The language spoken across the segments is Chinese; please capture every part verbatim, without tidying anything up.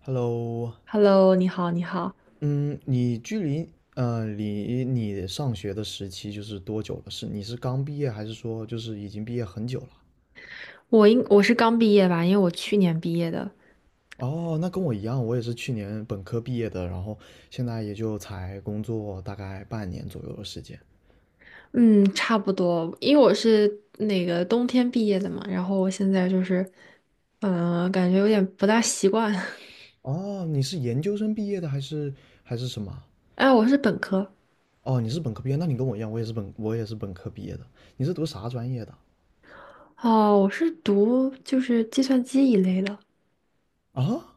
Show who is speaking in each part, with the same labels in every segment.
Speaker 1: Hello，
Speaker 2: Hello，你好，你好，
Speaker 1: 嗯，你距离呃离你上学的时期就是多久了？是你是刚毕业，还是说就是已经毕业很久了？
Speaker 2: 我应我是刚毕业吧，因为我去年毕业的。
Speaker 1: 哦，那跟我一样，我也是去年本科毕业的，然后现在也就才工作大概半年左右的时间。
Speaker 2: 嗯，差不多，因为我是那个冬天毕业的嘛。然后我现在就是，嗯、感觉有点不大习惯。
Speaker 1: 哦，你是研究生毕业的还是还是什么？
Speaker 2: 哎，我是本科。
Speaker 1: 哦，你是本科毕业，那你跟我一样，我也是本我也是本科毕业的。你是读啥专业的
Speaker 2: 哦，我是读就是计算机一类的。
Speaker 1: 啊？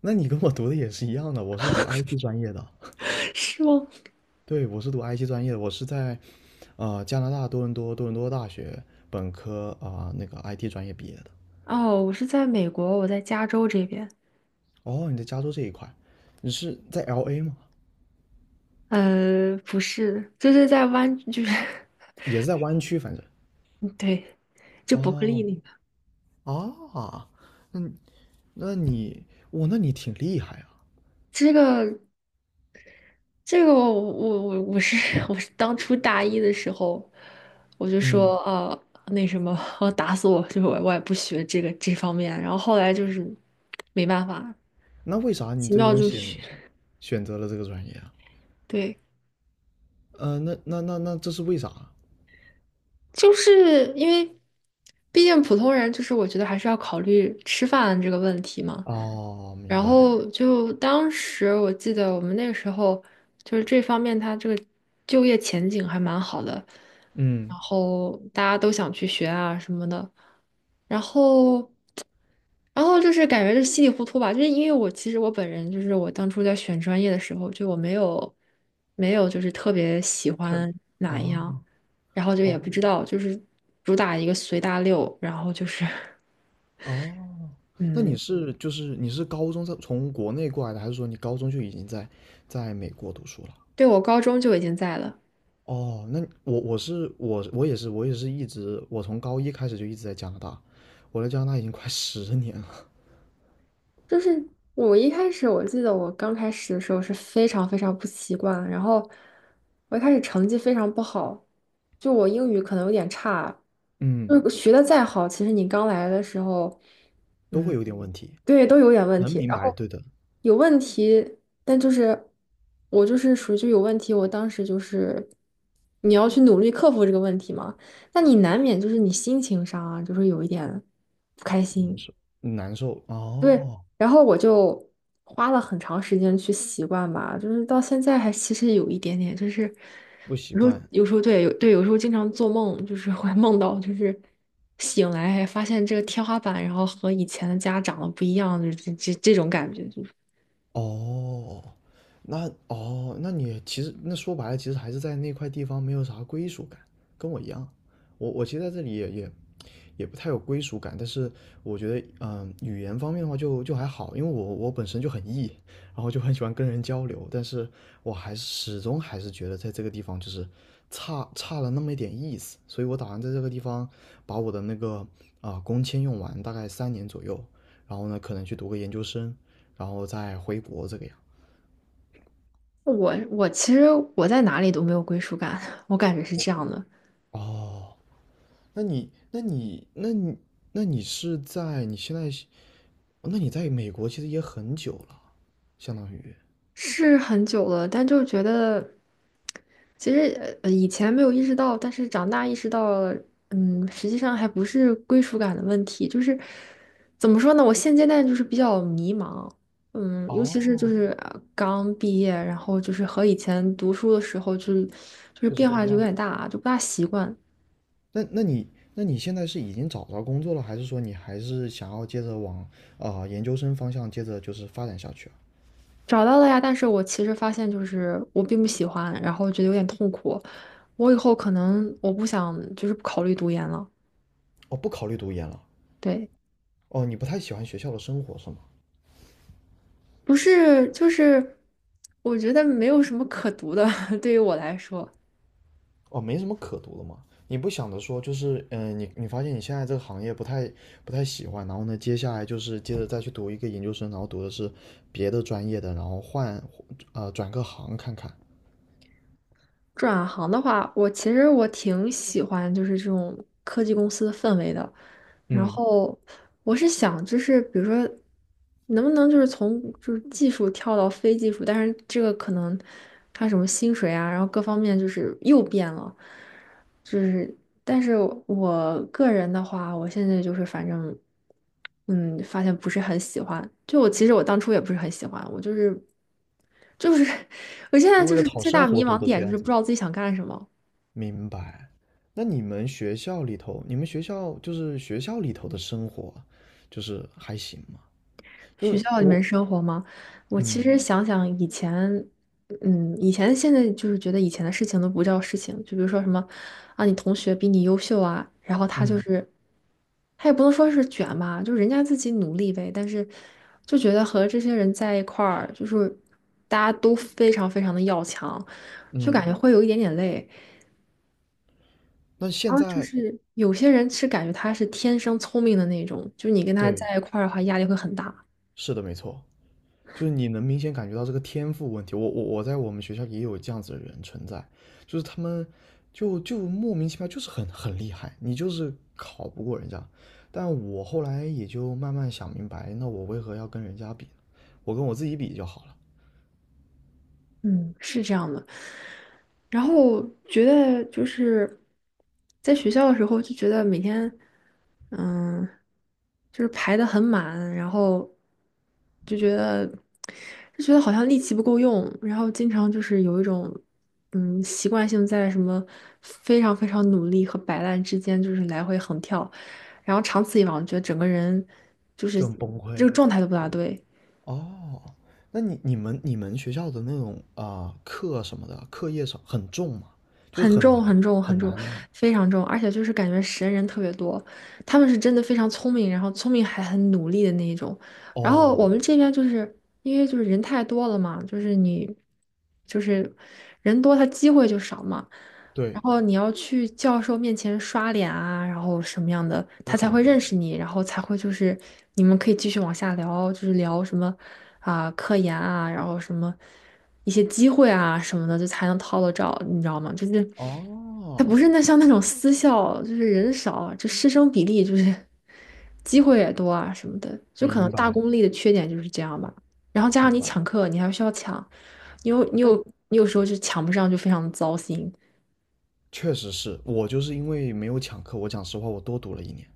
Speaker 1: 那你跟我读的也是一样的，我是读 I T 专业的。
Speaker 2: 是吗？
Speaker 1: 对，我是读 I T 专业的，我是在呃，加拿大多伦多多伦多大学本科啊、呃那个 I T 专业毕业的。
Speaker 2: 哦，我是在美国，我在加州这边。
Speaker 1: 哦，你在加州这一块，你是在 L A 吗？
Speaker 2: 呃，不是，就是在湾，就是，
Speaker 1: 也是在湾区，反正。
Speaker 2: 对，就伯克利
Speaker 1: 哦，
Speaker 2: 那个。
Speaker 1: 啊，那那你，哇，那你挺厉害啊。
Speaker 2: 这个这个我我我我是 我是当初大一的时候，我就
Speaker 1: 嗯，
Speaker 2: 说啊、那什么，我打死我，就是我我也不学这个这方面。然后后来就是没办法，
Speaker 1: 那为啥你
Speaker 2: 奇
Speaker 1: 最
Speaker 2: 妙
Speaker 1: 终
Speaker 2: 就
Speaker 1: 选
Speaker 2: 学，
Speaker 1: 选择了这个专业啊？
Speaker 2: 对，
Speaker 1: 呃，那那那那这是为啥啊？
Speaker 2: 就是因为毕竟普通人，就是我觉得还是要考虑吃饭这个问题嘛。
Speaker 1: 哦，明
Speaker 2: 然
Speaker 1: 白。
Speaker 2: 后就当时我记得我们那个时候就是这方面，它这个就业前景还蛮好的，
Speaker 1: 嗯，
Speaker 2: 然后大家都想去学啊什么的，然后。然后就是感觉就稀里糊涂吧，就是因为我其实我本人就是我当初在选专业的时候，就我没有没有就是特别喜
Speaker 1: 他，
Speaker 2: 欢哪一
Speaker 1: 啊
Speaker 2: 样，然后就也
Speaker 1: 哦，
Speaker 2: 不知道，就是主打一个随大溜，然后就是
Speaker 1: 哦，那你
Speaker 2: 嗯，
Speaker 1: 是就是你是高中在从国内过来的，还是说你高中就已经在在美国读书了？
Speaker 2: 对我高中就已经在了。
Speaker 1: 哦，那我我是我我也是我也是一直我从高一开始就一直在加拿大，我在加拿大已经快 十年了，
Speaker 2: 就是我一开始，我记得我刚开始的时候是非常非常不习惯，然后我一开始成绩非常不好，就我英语可能有点差。
Speaker 1: 嗯，
Speaker 2: 就是学的再好，其实你刚来的时候，
Speaker 1: 都会
Speaker 2: 嗯，
Speaker 1: 有点问题，
Speaker 2: 对，都有点问
Speaker 1: 能
Speaker 2: 题。
Speaker 1: 明
Speaker 2: 然
Speaker 1: 白，
Speaker 2: 后
Speaker 1: 对的，
Speaker 2: 有问题，但就是我就是属于就有问题，我当时就是你要去努力克服这个问题嘛。那你难免就是你心情上啊，就是有一点不开心。
Speaker 1: 难受
Speaker 2: 对，
Speaker 1: 哦，
Speaker 2: 然后我就花了很长时间去习惯吧。就是到现在还其实有一点点，就是
Speaker 1: 不习
Speaker 2: 有时候
Speaker 1: 惯
Speaker 2: 有时候对有对有时候经常做梦，就是会梦到就是醒来还发现这个天花板，然后和以前的家长得不一样，就这这这种感觉。就是
Speaker 1: 哦，那哦，那你其实那说白了，其实还是在那块地方没有啥归属感，跟我一样，我我其实在这里也也也不太有归属感，但是我觉得，嗯、呃语言方面的话就就还好，因为我我本身就很 E，然后就很喜欢跟人交流，但是我还是始终还是觉得在这个地方就是差差了那么一点意思，所以我打算在这个地方把我的那个啊、呃工签用完，大概三年左右，然后呢可能去读个研究生，然后再回国这个样。
Speaker 2: 我我其实我在哪里都没有归属感，我感觉是这样的。
Speaker 1: 哦，那你那你那你那你是在你现在那你在美国其实也很久了，相当于。
Speaker 2: 是很久了，但就觉得，其实呃以前没有意识到，但是长大意识到了。嗯，实际上还不是归属感的问题，就是怎么说呢？我现阶段就是比较迷茫。嗯，尤其是就
Speaker 1: 哦，
Speaker 2: 是呃刚毕业，然后就是和以前读书的时候就是就是
Speaker 1: 确实
Speaker 2: 变
Speaker 1: 不一
Speaker 2: 化就有
Speaker 1: 样。
Speaker 2: 点大，啊，就不大习惯。
Speaker 1: 那那你那你现在是已经找着工作了，还是说你还是想要接着往啊、呃研究生方向接着就是发展下去啊？
Speaker 2: 找到了呀，但是我其实发现就是我并不喜欢，然后觉得有点痛苦。我以后可能我不想就是不考虑读研了，
Speaker 1: 哦，不考虑读研了。
Speaker 2: 对。
Speaker 1: 哦，你不太喜欢学校的生活是吗？
Speaker 2: 不是，就是我觉得没有什么可读的，对于我来说。
Speaker 1: 哦，没什么可读的嘛。你不想着说就是嗯、呃你你发现你现在这个行业不太不太喜欢，然后呢，接下来就是接着再去读一个研究生，然后读的是别的专业的，然后换呃转个行看看。
Speaker 2: 转行的话，我其实我挺喜欢就是这种科技公司的氛围的。然
Speaker 1: 嗯，
Speaker 2: 后我是想，就是比如说，能不能就是从就是技术跳到非技术，但是这个可能他什么薪水啊，然后各方面就是又变了。就是但是我个人的话，我现在就是反正嗯，发现不是很喜欢。就我其实我当初也不是很喜欢，我就是就是 我现在
Speaker 1: 就
Speaker 2: 就
Speaker 1: 为了
Speaker 2: 是
Speaker 1: 讨
Speaker 2: 最大
Speaker 1: 生活
Speaker 2: 迷
Speaker 1: 读
Speaker 2: 茫
Speaker 1: 的这
Speaker 2: 点就
Speaker 1: 样
Speaker 2: 是不
Speaker 1: 子。
Speaker 2: 知道自己想干什么。
Speaker 1: 明白。那你们学校里头，你们学校就是学校里头的生活，就是还行吗？因
Speaker 2: 学
Speaker 1: 为
Speaker 2: 校里面
Speaker 1: 我，
Speaker 2: 生活吗？我其
Speaker 1: 嗯
Speaker 2: 实想想以前，嗯，以前现在就是觉得以前的事情都不叫事情，就比如说什么啊，你同学比你优秀啊，然后他就
Speaker 1: 嗯
Speaker 2: 是他也不能说是卷吧，就是人家自己努力呗。但是就觉得和这些人在一块儿，就是大家都非常非常的要强，就感
Speaker 1: 嗯，
Speaker 2: 觉会有一点点累。
Speaker 1: 那
Speaker 2: 然
Speaker 1: 现
Speaker 2: 后就
Speaker 1: 在，
Speaker 2: 是有些人是感觉他是天生聪明的那种，就是你跟他
Speaker 1: 对，
Speaker 2: 在一块儿的话，压力会很大。
Speaker 1: 是的，没错，就是你能明显感觉到这个天赋问题。我我我在我们学校也有这样子的人存在，就是他们就就莫名其妙就是很很厉害，你就是考不过人家。但我后来也就慢慢想明白，那我为何要跟人家比呢？我跟我自己比就好了，
Speaker 2: 嗯，是这样的。然后觉得就是在学校的时候就觉得每天，嗯，就是排的很满。然后就觉得就觉得好像力气不够用，然后经常就是有一种嗯习惯性在什么非常非常努力和摆烂之间就是来回横跳。然后长此以往，觉得整个人就是
Speaker 1: 就很崩
Speaker 2: 这
Speaker 1: 溃。
Speaker 2: 个状态都不大对。
Speaker 1: 哦，那你你们你们学校的那种啊、呃课什么的，课业上很重吗？就是
Speaker 2: 很
Speaker 1: 很
Speaker 2: 重
Speaker 1: 难
Speaker 2: 很重很
Speaker 1: 很
Speaker 2: 重，
Speaker 1: 难吗？
Speaker 2: 非常重，而且就是感觉神人特别多，他们是真的非常聪明，然后聪明还很努力的那一种。然后
Speaker 1: 哦，
Speaker 2: 我们这边就是因为就是人太多了嘛，就是你就是人多，他机会就少嘛。然
Speaker 1: 对，
Speaker 2: 后你要去教授面前刷脸啊，然后什么样的，
Speaker 1: 也
Speaker 2: 他才
Speaker 1: 很
Speaker 2: 会
Speaker 1: 难。
Speaker 2: 认识你，然后才会就是你们可以继续往下聊，就是聊什么啊、科研啊，然后什么一些机会啊什么的，就才能套得着，你知道吗？就是他不
Speaker 1: 哦，
Speaker 2: 是那像那种私校，就是人少，就师生比例就是机会也多啊什么的，就可
Speaker 1: 明
Speaker 2: 能大
Speaker 1: 白
Speaker 2: 公立的缺点就是这样吧。然后加
Speaker 1: 明
Speaker 2: 上你
Speaker 1: 白。
Speaker 2: 抢课，你还需要抢。你有你有
Speaker 1: 那
Speaker 2: 你有时候就抢不上，就非常糟心。
Speaker 1: 确实是我就是因为没有抢课，我讲实话，我多读了一年。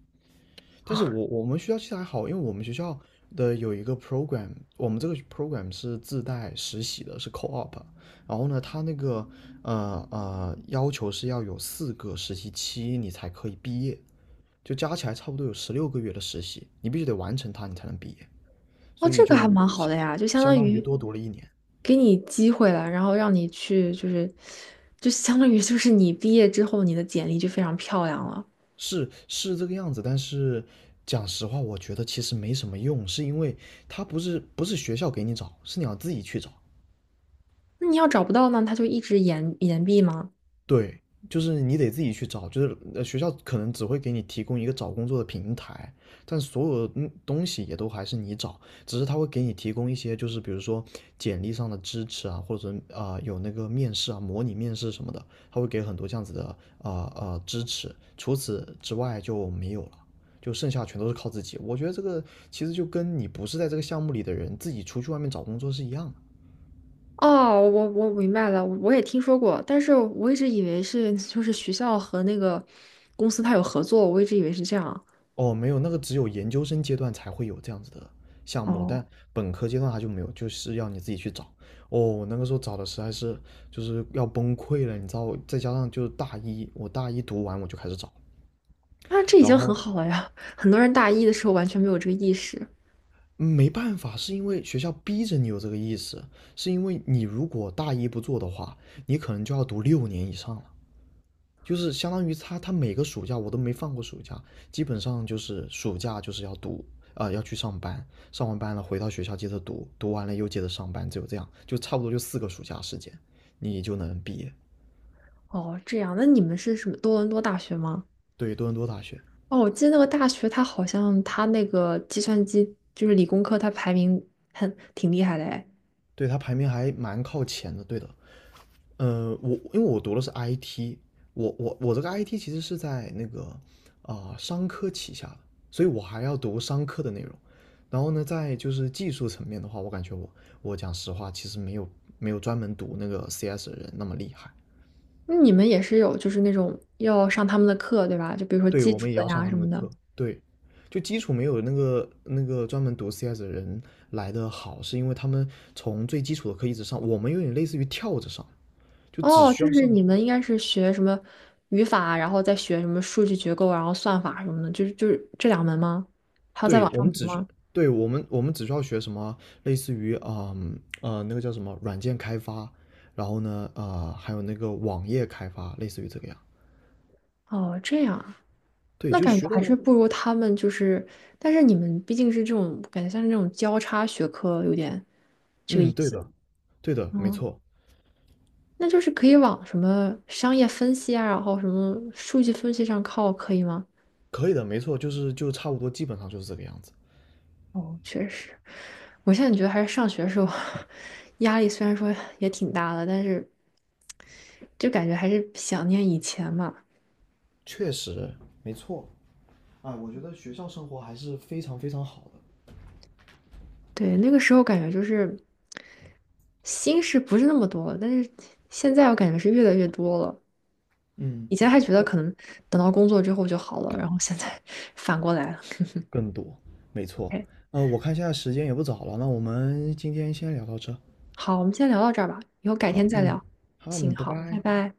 Speaker 1: 但是
Speaker 2: 啊。
Speaker 1: 我我们学校其实还好，因为我们学校的有一个 program，我们这个 program 是自带实习的，是 co-op。然后呢，它那个呃呃要求是要有四个实习期你才可以毕业，就加起来差不多有十六个月的实习，你必须得完成它你才能毕业，
Speaker 2: 哦，
Speaker 1: 所
Speaker 2: 这
Speaker 1: 以
Speaker 2: 个还
Speaker 1: 就
Speaker 2: 蛮好
Speaker 1: 相
Speaker 2: 的呀，就相
Speaker 1: 相
Speaker 2: 当
Speaker 1: 当于
Speaker 2: 于
Speaker 1: 多读了一年。
Speaker 2: 给你机会了，然后让你去，就是，就相当于就是你毕业之后，你的简历就非常漂亮了。
Speaker 1: 是是这个样子，但是讲实话，我觉得其实没什么用，是因为它不是不是学校给你找，是你要自己去找。
Speaker 2: 那你要找不到呢，他就一直延延毕吗？
Speaker 1: 对，就是你得自己去找，就是呃学校可能只会给你提供一个找工作的平台，但所有的嗯东西也都还是你找，只是他会给你提供一些，就是比如说简历上的支持啊，或者啊、呃有那个面试啊，模拟面试什么的，他会给很多这样子的啊啊、呃呃支持，除此之外就没有了。就剩下全都是靠自己，我觉得这个其实就跟你不是在这个项目里的人自己出去外面找工作是一样的。
Speaker 2: 哦，我我明白了，我也听说过，但是我一直以为是就是学校和那个公司他有合作，我一直以为是这样。
Speaker 1: 哦，没有，那个只有研究生阶段才会有这样子的项目，
Speaker 2: 哦，
Speaker 1: 但本科阶段它就没有，就是要你自己去找。哦，我那个时候找的实在是就是要崩溃了，你知道我再加上就是大一，我大一读完我就开始找，
Speaker 2: 那这已
Speaker 1: 然
Speaker 2: 经很
Speaker 1: 后
Speaker 2: 好了呀，很多人大一的时候完全没有这个意识。
Speaker 1: 嗯没办法，是因为学校逼着你有这个意识，是因为你如果大一不做的话，你可能就要读六年以上了。就是相当于他他每个暑假我都没放过暑假，基本上就是暑假就是要读啊、呃要去上班，上完班了回到学校接着读，读完了又接着上班，只有这样，就差不多就四个暑假时间，你就能毕业。
Speaker 2: 哦，这样，那你们是什么多伦多大学吗？
Speaker 1: 对，多伦多大学，
Speaker 2: 哦，我记得那个大学，它好像它那个计算机就是理工科，它排名很挺厉害的哎。
Speaker 1: 对他排名还蛮靠前的，对的。呃，我因为我读的是 I T，我我我这个 I T 其实是在那个啊、呃商科旗下的，所以我还要读商科的内容。然后呢，在就是技术层面的话，我感觉我我讲实话，其实没有没有专门读那个 C S 的人那么厉害。
Speaker 2: 那你们也是有就是那种要上他们的课对吧？就比如说
Speaker 1: 对，
Speaker 2: 基
Speaker 1: 我
Speaker 2: 础
Speaker 1: 们也
Speaker 2: 的
Speaker 1: 要上
Speaker 2: 呀
Speaker 1: 他
Speaker 2: 什
Speaker 1: 们的
Speaker 2: 么的。
Speaker 1: 课，对，就基础没有那个那个专门读 C S 的人来的好，是因为他们从最基础的课一直上，我们有点类似于跳着上，就只
Speaker 2: 哦，
Speaker 1: 需
Speaker 2: 就
Speaker 1: 要
Speaker 2: 是
Speaker 1: 上。
Speaker 2: 你们应该是学什么语法，然后再学什么数据结构，然后算法什么的，就是就是这两门吗？还要再
Speaker 1: 对，
Speaker 2: 往
Speaker 1: 我
Speaker 2: 上
Speaker 1: 们
Speaker 2: 读
Speaker 1: 只需，
Speaker 2: 吗？
Speaker 1: 对，我们我们只需要学什么，类似于啊、嗯呃那个叫什么软件开发，然后呢啊、呃还有那个网页开发，类似于这个样。
Speaker 2: 哦，这样啊，
Speaker 1: 对，
Speaker 2: 那
Speaker 1: 就
Speaker 2: 感
Speaker 1: 学
Speaker 2: 觉
Speaker 1: 的，
Speaker 2: 还是不如他们就是，但是你们毕竟是这种感觉像是那种交叉学科，有点这个
Speaker 1: 嗯，
Speaker 2: 意
Speaker 1: 对
Speaker 2: 思。
Speaker 1: 的，对的，没
Speaker 2: 嗯。
Speaker 1: 错，
Speaker 2: 那就是可以往什么商业分析啊，然后什么数据分析上靠，可以吗？
Speaker 1: 可以的，没错，就是就差不多，基本上就是这个样子。
Speaker 2: 哦，确实，我现在觉得还是上学时候 压力虽然说也挺大的，但是就感觉还是想念以前嘛。
Speaker 1: 确实，没错。啊，我觉得学校生活还是非常非常好的。
Speaker 2: 对，那个时候感觉就是心事不是那么多，但是现在我感觉是越来越多了。
Speaker 1: 嗯，
Speaker 2: 以前还觉得可能等到工作之后就好了，然后现在 反过来了。
Speaker 1: 更多，没错。
Speaker 2: O K，
Speaker 1: 呃，我看现在时间也不早了，那我们今天先聊到这。
Speaker 2: 好，我们先聊到这儿吧，以后改天
Speaker 1: 好，
Speaker 2: 再
Speaker 1: 嗯，
Speaker 2: 聊。
Speaker 1: 好，
Speaker 2: 行，
Speaker 1: 嗯，拜
Speaker 2: 好，拜
Speaker 1: 拜。
Speaker 2: 拜。